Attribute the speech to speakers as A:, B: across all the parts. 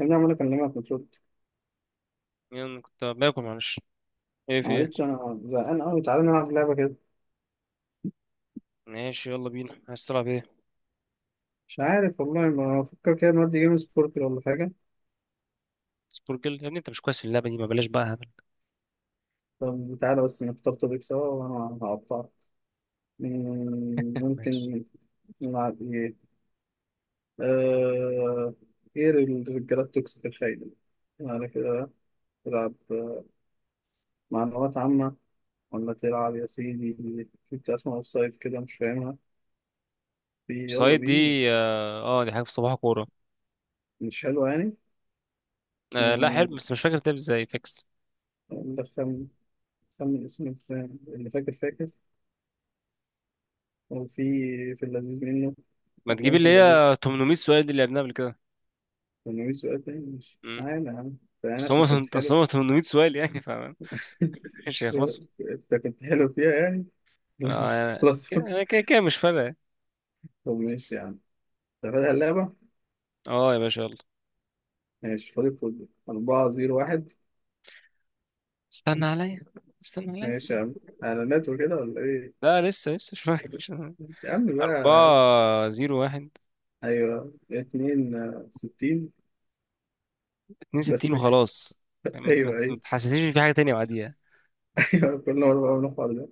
A: يا ابني عمال اكلمك مترد.
B: يلا، كنت باكل معلش. ايه، في ايه؟
A: معلش انا زهقان قوي، تعالى نلعب لعبه كده.
B: ماشي يلا بينا، عايز تلعب ايه؟
A: مش عارف والله، ما بفكر كده. نودي جيم سبوركل ولا حاجه؟
B: سبوركل يا ابني، انت مش كويس في اللعبه دي، ما بلاش بقى هبل.
A: طب تعالى بس نختار توبيك سوا وانا هقطعك.
B: ماشي.
A: ممكن. نلعب ايه؟ آه... ايه الرجاله التوكسيك الخاينه، يعني كده. تلعب معلومات عامه؟ ولا تلعب يا سيدي في بتاع اسمها اوف سايد كده مش فاهمها؟ في، يلا
B: سايد دي.
A: بينا.
B: اه، آه، دي حاجه في صباح كوره.
A: مش حلوه يعني؟
B: آه لا،
A: مم،
B: حلو بس مش فاكر بتلعب ازاي فيكس.
A: ندخل. خمن اسم الفيلم، اللي فاكر فاكر. هو في، في اللذيذ منه،
B: ما تجيب
A: أفلام في
B: اللي
A: اللذيذ.
B: هي 800 سؤال دي اللي لعبناها قبل كده؟
A: كان ناوي سؤال تاني، مش
B: امم
A: تعالى يا عم. تعالى
B: اصل
A: عشان كنت
B: هم اصل
A: حلو.
B: هم 800 سؤال، يعني فاهم، مش
A: مش-
B: هيخلصوا.
A: أنت كنت حلو فيها يعني. مش
B: انا
A: خلاص.
B: أنا كده كده مش فارقه يعني.
A: طب ماشي يا عم. أنت فاتح اللعبة؟
B: اه يا باشا يلا.
A: ماشي، خد الكود 401.
B: استنى عليا، استنى عليا.
A: ماشي يا عم. إعلانات وكده ولا إيه؟
B: لا لسه لسه مش فاكر
A: يا عم بقى.
B: أربعة زيرو واحد،
A: أيوه اتنين ستين.
B: 62
A: بس كده.
B: وخلاص.
A: أيوه،
B: ما
A: أيوه.
B: تحسسنيش ان في حاجه تانية بعديها.
A: أيوه، كل مرة بعمل الحوار ده.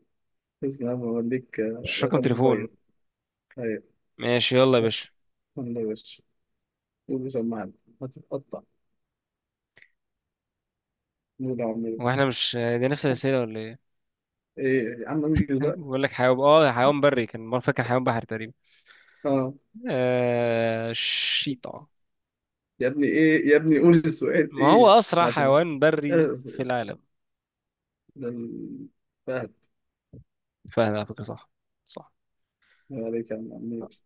A: بس أنا بوديك
B: مش رقم
A: رقم
B: تليفون؟
A: موبايل. أيوه.
B: ماشي يلا يا باشا.
A: والله يا باشا، قول سمعني. هتتقطع. قول يا عم
B: هو
A: إنجليزي.
B: احنا مش دي نفس الاسئله ولا ايه؟
A: إيه يا عم، انجز بقى.
B: بقول لك حيوان. اه حيوان بري، كان مره فاكر حيوان بحري تقريبا.
A: اه
B: الشيطه.
A: يا ابني، ايه يا ابني، قول السؤال
B: ما هو
A: ايه.
B: اسرع
A: عشان
B: حيوان بري
A: آه،
B: في العالم؟
A: ده ال- فهد.
B: فهد على فكره، صح. صح.
A: الله عليك يا عم عمير.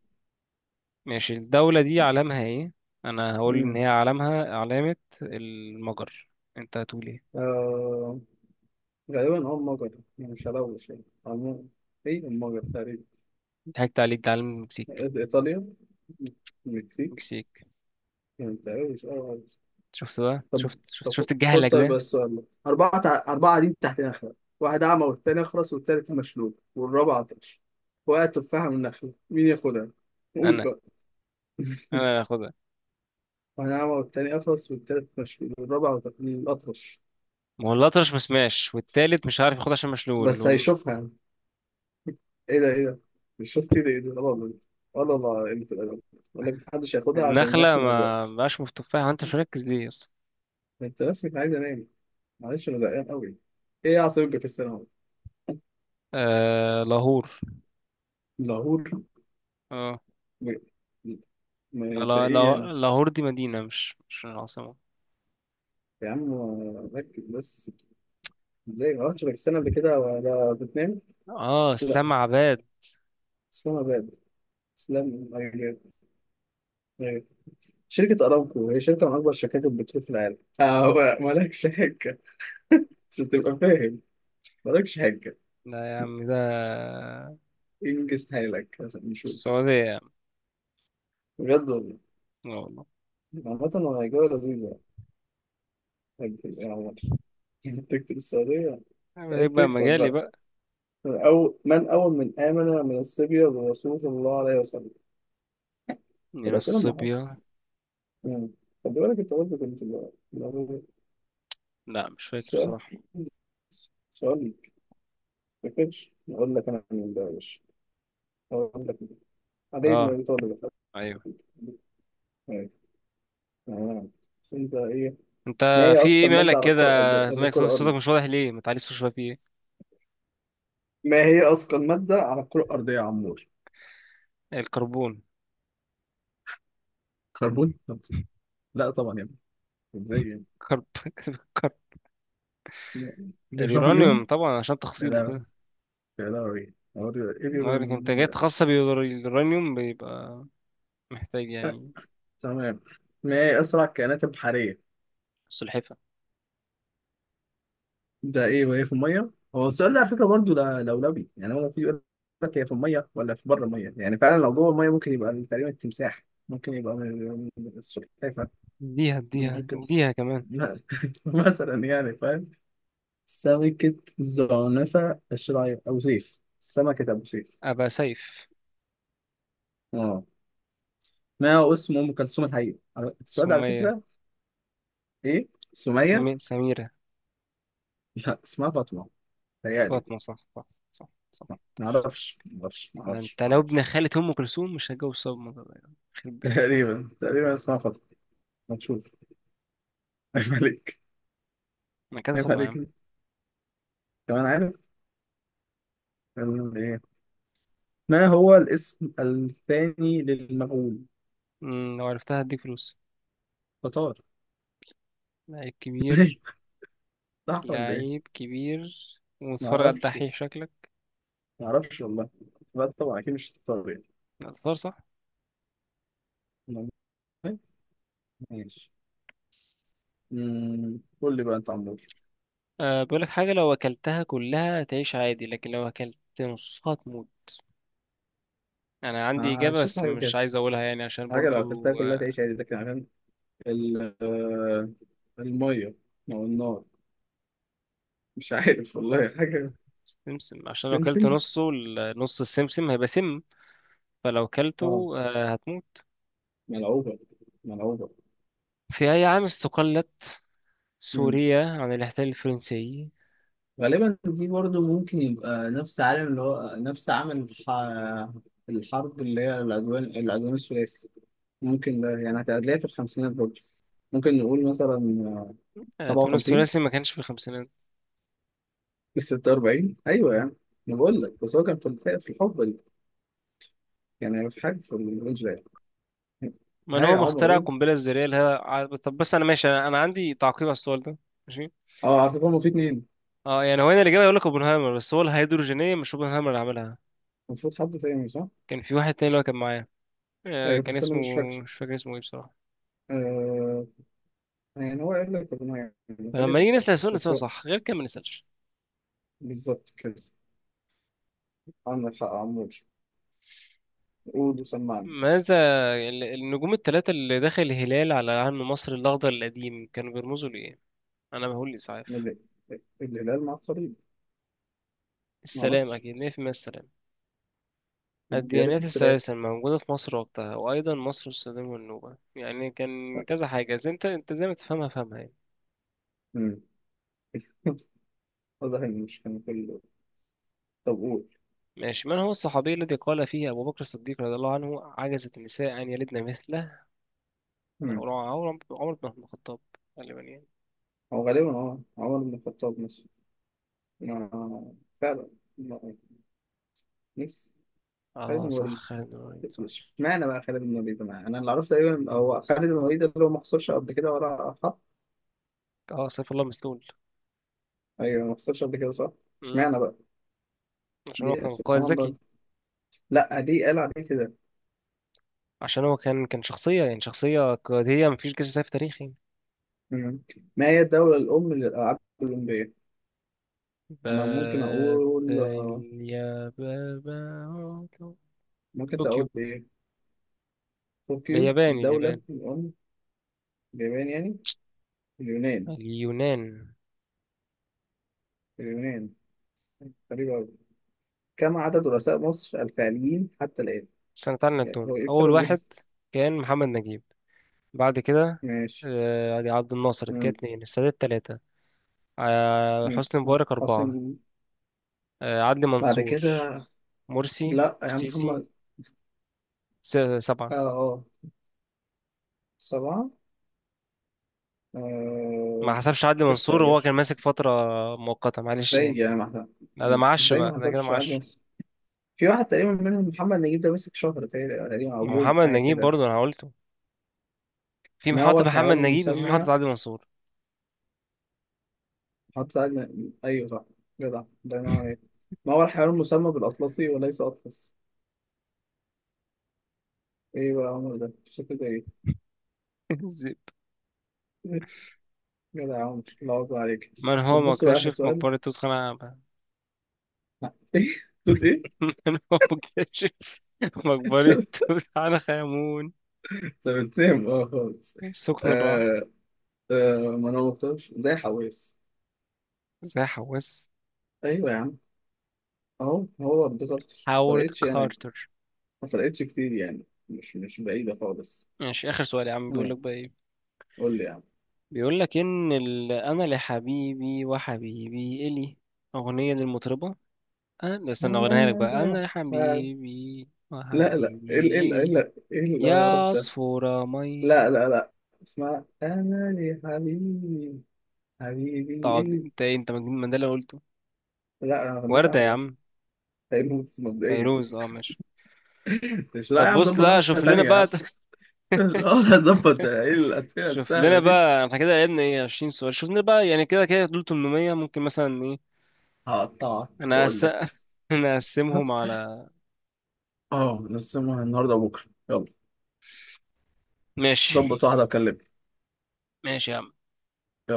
B: ماشي، الدوله دي علامها ايه؟ انا هقول ان
A: مم.
B: هي علامها علامه المجر. انت هتقول ايه؟
A: آه، غالبا مجر. يعني مش هلوش يعني، عموما. ايه المجر تقريبا.
B: ضحكت عليك، ده علم المكسيك.
A: إيطاليا. المكسيك.
B: المكسيك.
A: يعني متهيأليش اه.
B: شفت بقى،
A: طب
B: شفت شفت
A: طب
B: شفت
A: خد،
B: الجهلك
A: طيب بس
B: ده.
A: السؤال ده، أربعة قاعدين تحت نخلة. واحد أعمى، والتاني أخرس، والتالت مشلول، والرابع عطش. وقعت تفاحة من نخلة، مين ياخدها؟ قول
B: انا
A: بقى.
B: انا هاخدها.
A: واحد أعمى، والتاني أخرس، والتالت مشلول، والرابع الأطرش.
B: والأطرش مسماش، والتالت مش عارف ياخد عشان مشلول.
A: بس هيشوفها يعني. إيه ده، إيه ده؟ مش شوف كده، إيه ده؟ لا والله. ولا والله، قلة الأدب. يقول لك محدش هياخدها عشان
B: والنخلة
A: النخل ما
B: ما
A: بيعرفش.
B: بقاش في التفاح، انت مش مركز ليه اصلا.
A: أنت نفسك عايز أنام. معلش أنا زهقان أوي. إيه يا عصبية السنة؟
B: آه، لاهور.
A: لاهور.
B: اه.
A: م- م- ما أنت إيه يعني؟
B: لاهور دي مدينة، مش العاصمة.
A: يا عم ركز بس. زي ما قلتش لك السنة قبل كده، ولا بتنام.
B: اه،
A: بس لا.
B: اسلام عباد.
A: اسلام أباد، اسلام أباد. أيوة. شركة أرامكو هي شركة من أكبر شركات البترول في العالم، هو مالكش حجة. عشان تبقى فاهم، مالكش حجة.
B: لا يا عم، ده
A: انجز حالك عشان نشوف.
B: السعودية يا عم.
A: بجد والله.
B: لا والله.
A: عامة هو جولة لذيذة. هتجيب ايه يا عمر؟ تكتب السعودية.
B: عيب عليك
A: عايز
B: بقى،
A: تكسب
B: مجالي
A: بقى.
B: بقى.
A: أو من أول من آمن من الصبية برسول الله عليه وسلم.
B: دينا
A: الأسئلة المحاصصة.
B: الصبية.
A: مم. خد بالك انت برضه كنت لو.
B: لا مش فاكر
A: السؤال
B: بصراحة.
A: سؤال ما كانش اقول لك انا من ده يا باشا، اقول لك علي بن
B: اه،
A: ابي طالب.
B: ايوه.
A: أيوة. تمام. انت ايه؟ ما
B: انت،
A: هي
B: في ايه
A: اثقل ماده
B: مالك
A: على
B: كده؟
A: الكره الارضيه،
B: مالك، صوتك مش واضح ليه؟ ما تعليش صوتك شوية، في ايه؟
A: ما هي اثقل ماده على الكره الارضيه يا عمور؟
B: الكربون.
A: كربون؟ لا طبعا يا ابني، ازاي يعني.
B: كرب كربون.
A: اسمه
B: اليورانيوم
A: اليورانيوم.
B: طبعا عشان
A: لا
B: تخصيبه
A: لا،
B: كده.
A: لا لا، ايه
B: لكن
A: اليورانيوم
B: الانتاجات
A: ده؟
B: خاصة باليورانيوم بيبقى محتاج يعني.
A: تمام. ما هي اسرع الكائنات البحريه؟
B: سلحفة.
A: ده ايه وايه في الميه؟ هو السؤال ده على فكره برضه لولبي يعني. هو في يقول لك، هي في الميه ولا في بره الميه؟ يعني فعلا لو جوه الميه ممكن يبقى تقريبا التمساح، ممكن يبقى من السلحفاه.
B: اديها اديها
A: ممكن.
B: اديها كمان.
A: مثلا يعني، فاهم. سمكة زعنفة الشراعية أبو سيف، سمكة أبو سيف.
B: أبقى سيف.
A: اه. ما هو اسم أم كلثوم الحقيقي السؤال ده على
B: سمية.
A: فكرة. إيه، سمية؟
B: سميرة.
A: لا، اسمها فاطمة، تهيألي.
B: فاطمة، صح صح. صح صح. تخرب.
A: معرفش، معرفش،
B: ده
A: معرفش،
B: انت لو ابن
A: معرفش.
B: خالة أم كلثوم، مش هتجوز صدمة ده يعني. يخرب بيتك.
A: تقريبا، تقريبا اسمها فاطمة. هنشوف. ملك.
B: ما كده
A: ينفع
B: فاطمة
A: دي
B: يا عم.
A: كده؟ كمان عارف كان ايه. ما هو الاسم الثاني للمغول؟
B: مم، لو عرفتها هديك فلوس.
A: تتار.
B: لعيب كبير.
A: صح ولا
B: لعيب
A: ايه؟
B: كبير.
A: ما
B: ومتفرج على
A: اعرفش،
B: الدحيح شكلك.
A: ما اعرفش والله. لا طبعا، اكيد مش تتار
B: لا، تختار صح.
A: يعني. ماشي. قول لي بقى انت عمور.
B: أه بقولك حاجة، لو أكلتها كلها تعيش عادي، لكن لو أكلت نصها تموت. أنا عندي
A: آه،
B: إجابة
A: شفت
B: بس
A: حاجه
B: مش
A: كده.
B: عايز أقولها يعني عشان
A: حاجه لو اكلتها
B: برضو.
A: كلها
B: آه،
A: تعيش عادي، لكن عشان ال- آه، الميه او النار. مش عارف والله حاجه.
B: سمسم، عشان لو أكلت
A: سمسم.
B: نصه نص السمسم هيبقى سم، فلو
A: اه.
B: أكلته أه هتموت.
A: ملعوبه، ملعوبه.
B: في أي عام استقلت سوريا عن الاحتلال الفرنسي؟
A: غالبا دي برضه ممكن يبقى نفس عالم، اللي هو نفس عمل الحرب، اللي هي العدوان الثلاثي. ممكن ده يعني هتلاقيها في الخمسينات برضه، ممكن نقول مثلا
B: أه،
A: سبعة
B: تونس
A: وخمسين
B: الثلاثي ما كانش في الخمسينات.
A: 46، أيوة يعني. أنا بقول لك بس، هو كان في الحقبة دي، يعني في حاجة في الرينج ده يعني.
B: من
A: هاي
B: هو
A: يا عمر،
B: مخترع
A: قول.
B: القنبلة الذرية اللي هي طب بس أنا ماشي، أنا عندي تعقيب على السؤال ده. ماشي.
A: اه، على فكرة هما في اتنين.
B: اه يعني هو هنا الإجابة يقول لك اوبنهايمر، بس هو الهيدروجينية مش اوبنهايمر اللي عملها.
A: المفروض حد تاني صح؟
B: كان في واحد تاني اللي هو كان معايا.
A: أيوة
B: كان
A: بس أنا
B: اسمه،
A: مش فاكر.
B: مش فاكر اسمه ايه بصراحة.
A: آه، يعني هو قال لك ربنا يعني.
B: فلما
A: غالبا،
B: نيجي نسأل السؤال
A: بس
B: نسأله
A: هو
B: صح، غير كده ما نسألش.
A: بالظبط كده. عندك حق يا عمور. قول وسمعني.
B: ماذا النجوم الثلاثة اللي داخل الهلال على علم مصر الأخضر القديم كانوا بيرمزوا لإيه؟ أنا بقول إسعاف.
A: ال- الهلال مع الصليب. ما
B: السلام
A: اعرفش.
B: أكيد 100%، السلام.
A: الديالات
B: الديانات الثلاثة
A: الثلاثي.
B: الموجودة في مصر وقتها، وأيضا مصر والسودان والنوبة، يعني كان
A: لا.
B: كذا حاجة، زي أنت زي ما تفهمها فهمها يعني.
A: مم. واضح ان مش كان كله. طب قول.
B: ماشي. من هو الصحابي الذي قال فيه أبو بكر الصديق رضي الله عنه عجزت النساء أن يلدن مثله؟ انا
A: مم.
B: عمر، عمر بن عبد الخطاب، غالبا يعني.
A: هو غالبا عمر بن الخطاب مثلا. ما، فعلا، ما- نفس خالد بن
B: اه صح،
A: الوليد.
B: خالد بن الوليد، صح.
A: اشمعنى بقى خالد بن الوليد، أنا اللي اعرفه، تقريبا هو خالد بن الوليد اللي هو ما خسرش قبل كده، ولا حط.
B: اه، سيف الله مسلول.
A: ايوه، ما خسرش قبل كده صح.
B: امم.
A: اشمعنى بقى؟
B: عشان هو
A: دي
B: كان قائد
A: سبحان
B: ذكي.
A: الله. لا، دي قال عليه كده.
B: عشان هو كان شخصية، يعني شخصية قيادية، مفيش جيش سيف تاريخي.
A: مم. ما هي الدولة الأم للألعاب الأولمبية؟ أنا ممكن
B: بات.
A: أقول
B: يا بابا.
A: ممكن
B: طوكيو.
A: أقول إيه. طوكيو
B: بياباني،
A: الدولة
B: اليابان.
A: الأم؟ اليابان يعني؟ اليونان.
B: اليونان.
A: اليونان. غريبة أوي. كم عدد رؤساء مصر الفعليين حتى الآن؟
B: سنة، تعالى
A: يعني هو
B: نعدهم.
A: إيه
B: أول
A: الفرق بين.
B: واحد كان محمد نجيب، بعد كده
A: ماشي.
B: عبد الناصر كده
A: مم.
B: اتنين، السادات تلاتة،
A: مم.
B: حسني مبارك أربعة،
A: عاصم.
B: عدلي
A: بعد
B: منصور،
A: كده.
B: مرسي،
A: لا يا
B: سيسي.
A: محمد.
B: سبعة.
A: آه، آه، سبعة.
B: ما
A: آه،
B: حسبش عدلي
A: ستة يا
B: منصور وهو
A: باشا.
B: كان ماسك فترة مؤقتة، معلش
A: ازاي
B: يعني.
A: يعني ما حسب.
B: لا ده معش
A: ازاي
B: بقى،
A: ما
B: ده كده
A: حسبش
B: معش.
A: عدد. في واحد تقريبا منهم محمد نجيب، ده مسك شهر تقريبا، تقريباً،
B: ما
A: أو
B: هو،
A: يوم
B: محمد
A: حاجة
B: نجيب
A: كده.
B: برضه أنا قلته. في
A: ما هو
B: محطة محمد
A: الحيوان
B: نجيب، وفي
A: المسمى،
B: محطة عدلي منصور.
A: حط أجمل، أيوه صح، جدع الله ينور عليك. ما هو الحيوان المسمى بالأطلسي وليس أطلس؟ إيه بقى يا عمر ده؟ شكله ده إيه؟
B: زيد.
A: جدع يا عمر، الله أكبر عليك.
B: من هو
A: طب بص بقى آخر
B: مكتشف
A: سؤال.
B: مقبرة توت عنخ آمون؟
A: إيه؟ توت إيه؟
B: من هو مكتشف مقبرة
A: طب.
B: توت عنخ آمون؟
A: طب بتنام خالص.
B: سكن الرعب.
A: آه، آه. ما أنا مختارش زي حواس.
B: زي حواس.
A: أيوه يا عم. أهو، هو افتكرت،
B: هاورد
A: فرقتش أنا.
B: كارتر.
A: ما فرقتش كتير يعني، مش بعيدة خالص.
B: ماشي، آخر سؤال يا عم، بيقول
A: تمام.
B: لك بقى إيه؟
A: قول لي يا عم.
B: بيقول لك ان انا لحبيبي وحبيبي الي، اغنيه للمطربه. أه ده
A: لا،
B: استنى اغنيها لك بقى،
A: لا،
B: انا
A: لا.
B: لحبيبي
A: لا، لا، لا،
B: وحبيبي الي،
A: ايه اللي
B: يا
A: رحت.
B: عصفورة مي.
A: لا، لا، لا. اسمع أمل حبيبي. حبيبي
B: طب
A: إيه؟
B: انت ايه، انت مجنون من ده اللي قلته؟
A: لا أنا غنيت
B: ورده يا
A: أحلى،
B: عم.
A: تقريبا بس مبدئيا.
B: فيروز، اه ماشي.
A: مش، لا يا
B: طب
A: عم،
B: بص
A: ظبط
B: لا،
A: واحدة
B: شوف لنا
A: تانية يا عم.
B: بقى.
A: مش قادر، هتظبط إيه الأسئلة
B: شوف لنا
A: السهلة دي.
B: بقى، احنا كده لعبنا ايه، 20 سؤال، شوف لنا بقى يعني، كده كده دول 800، ممكن مثلا ايه.
A: هقطعك
B: انا
A: بقول
B: هس...
A: لك.
B: انا هقسمهم على.
A: أه، نقسمها النهاردة وبكرة. يلا.
B: ماشي.
A: ظبط واحدة وكلمني.
B: ماشي يا عم.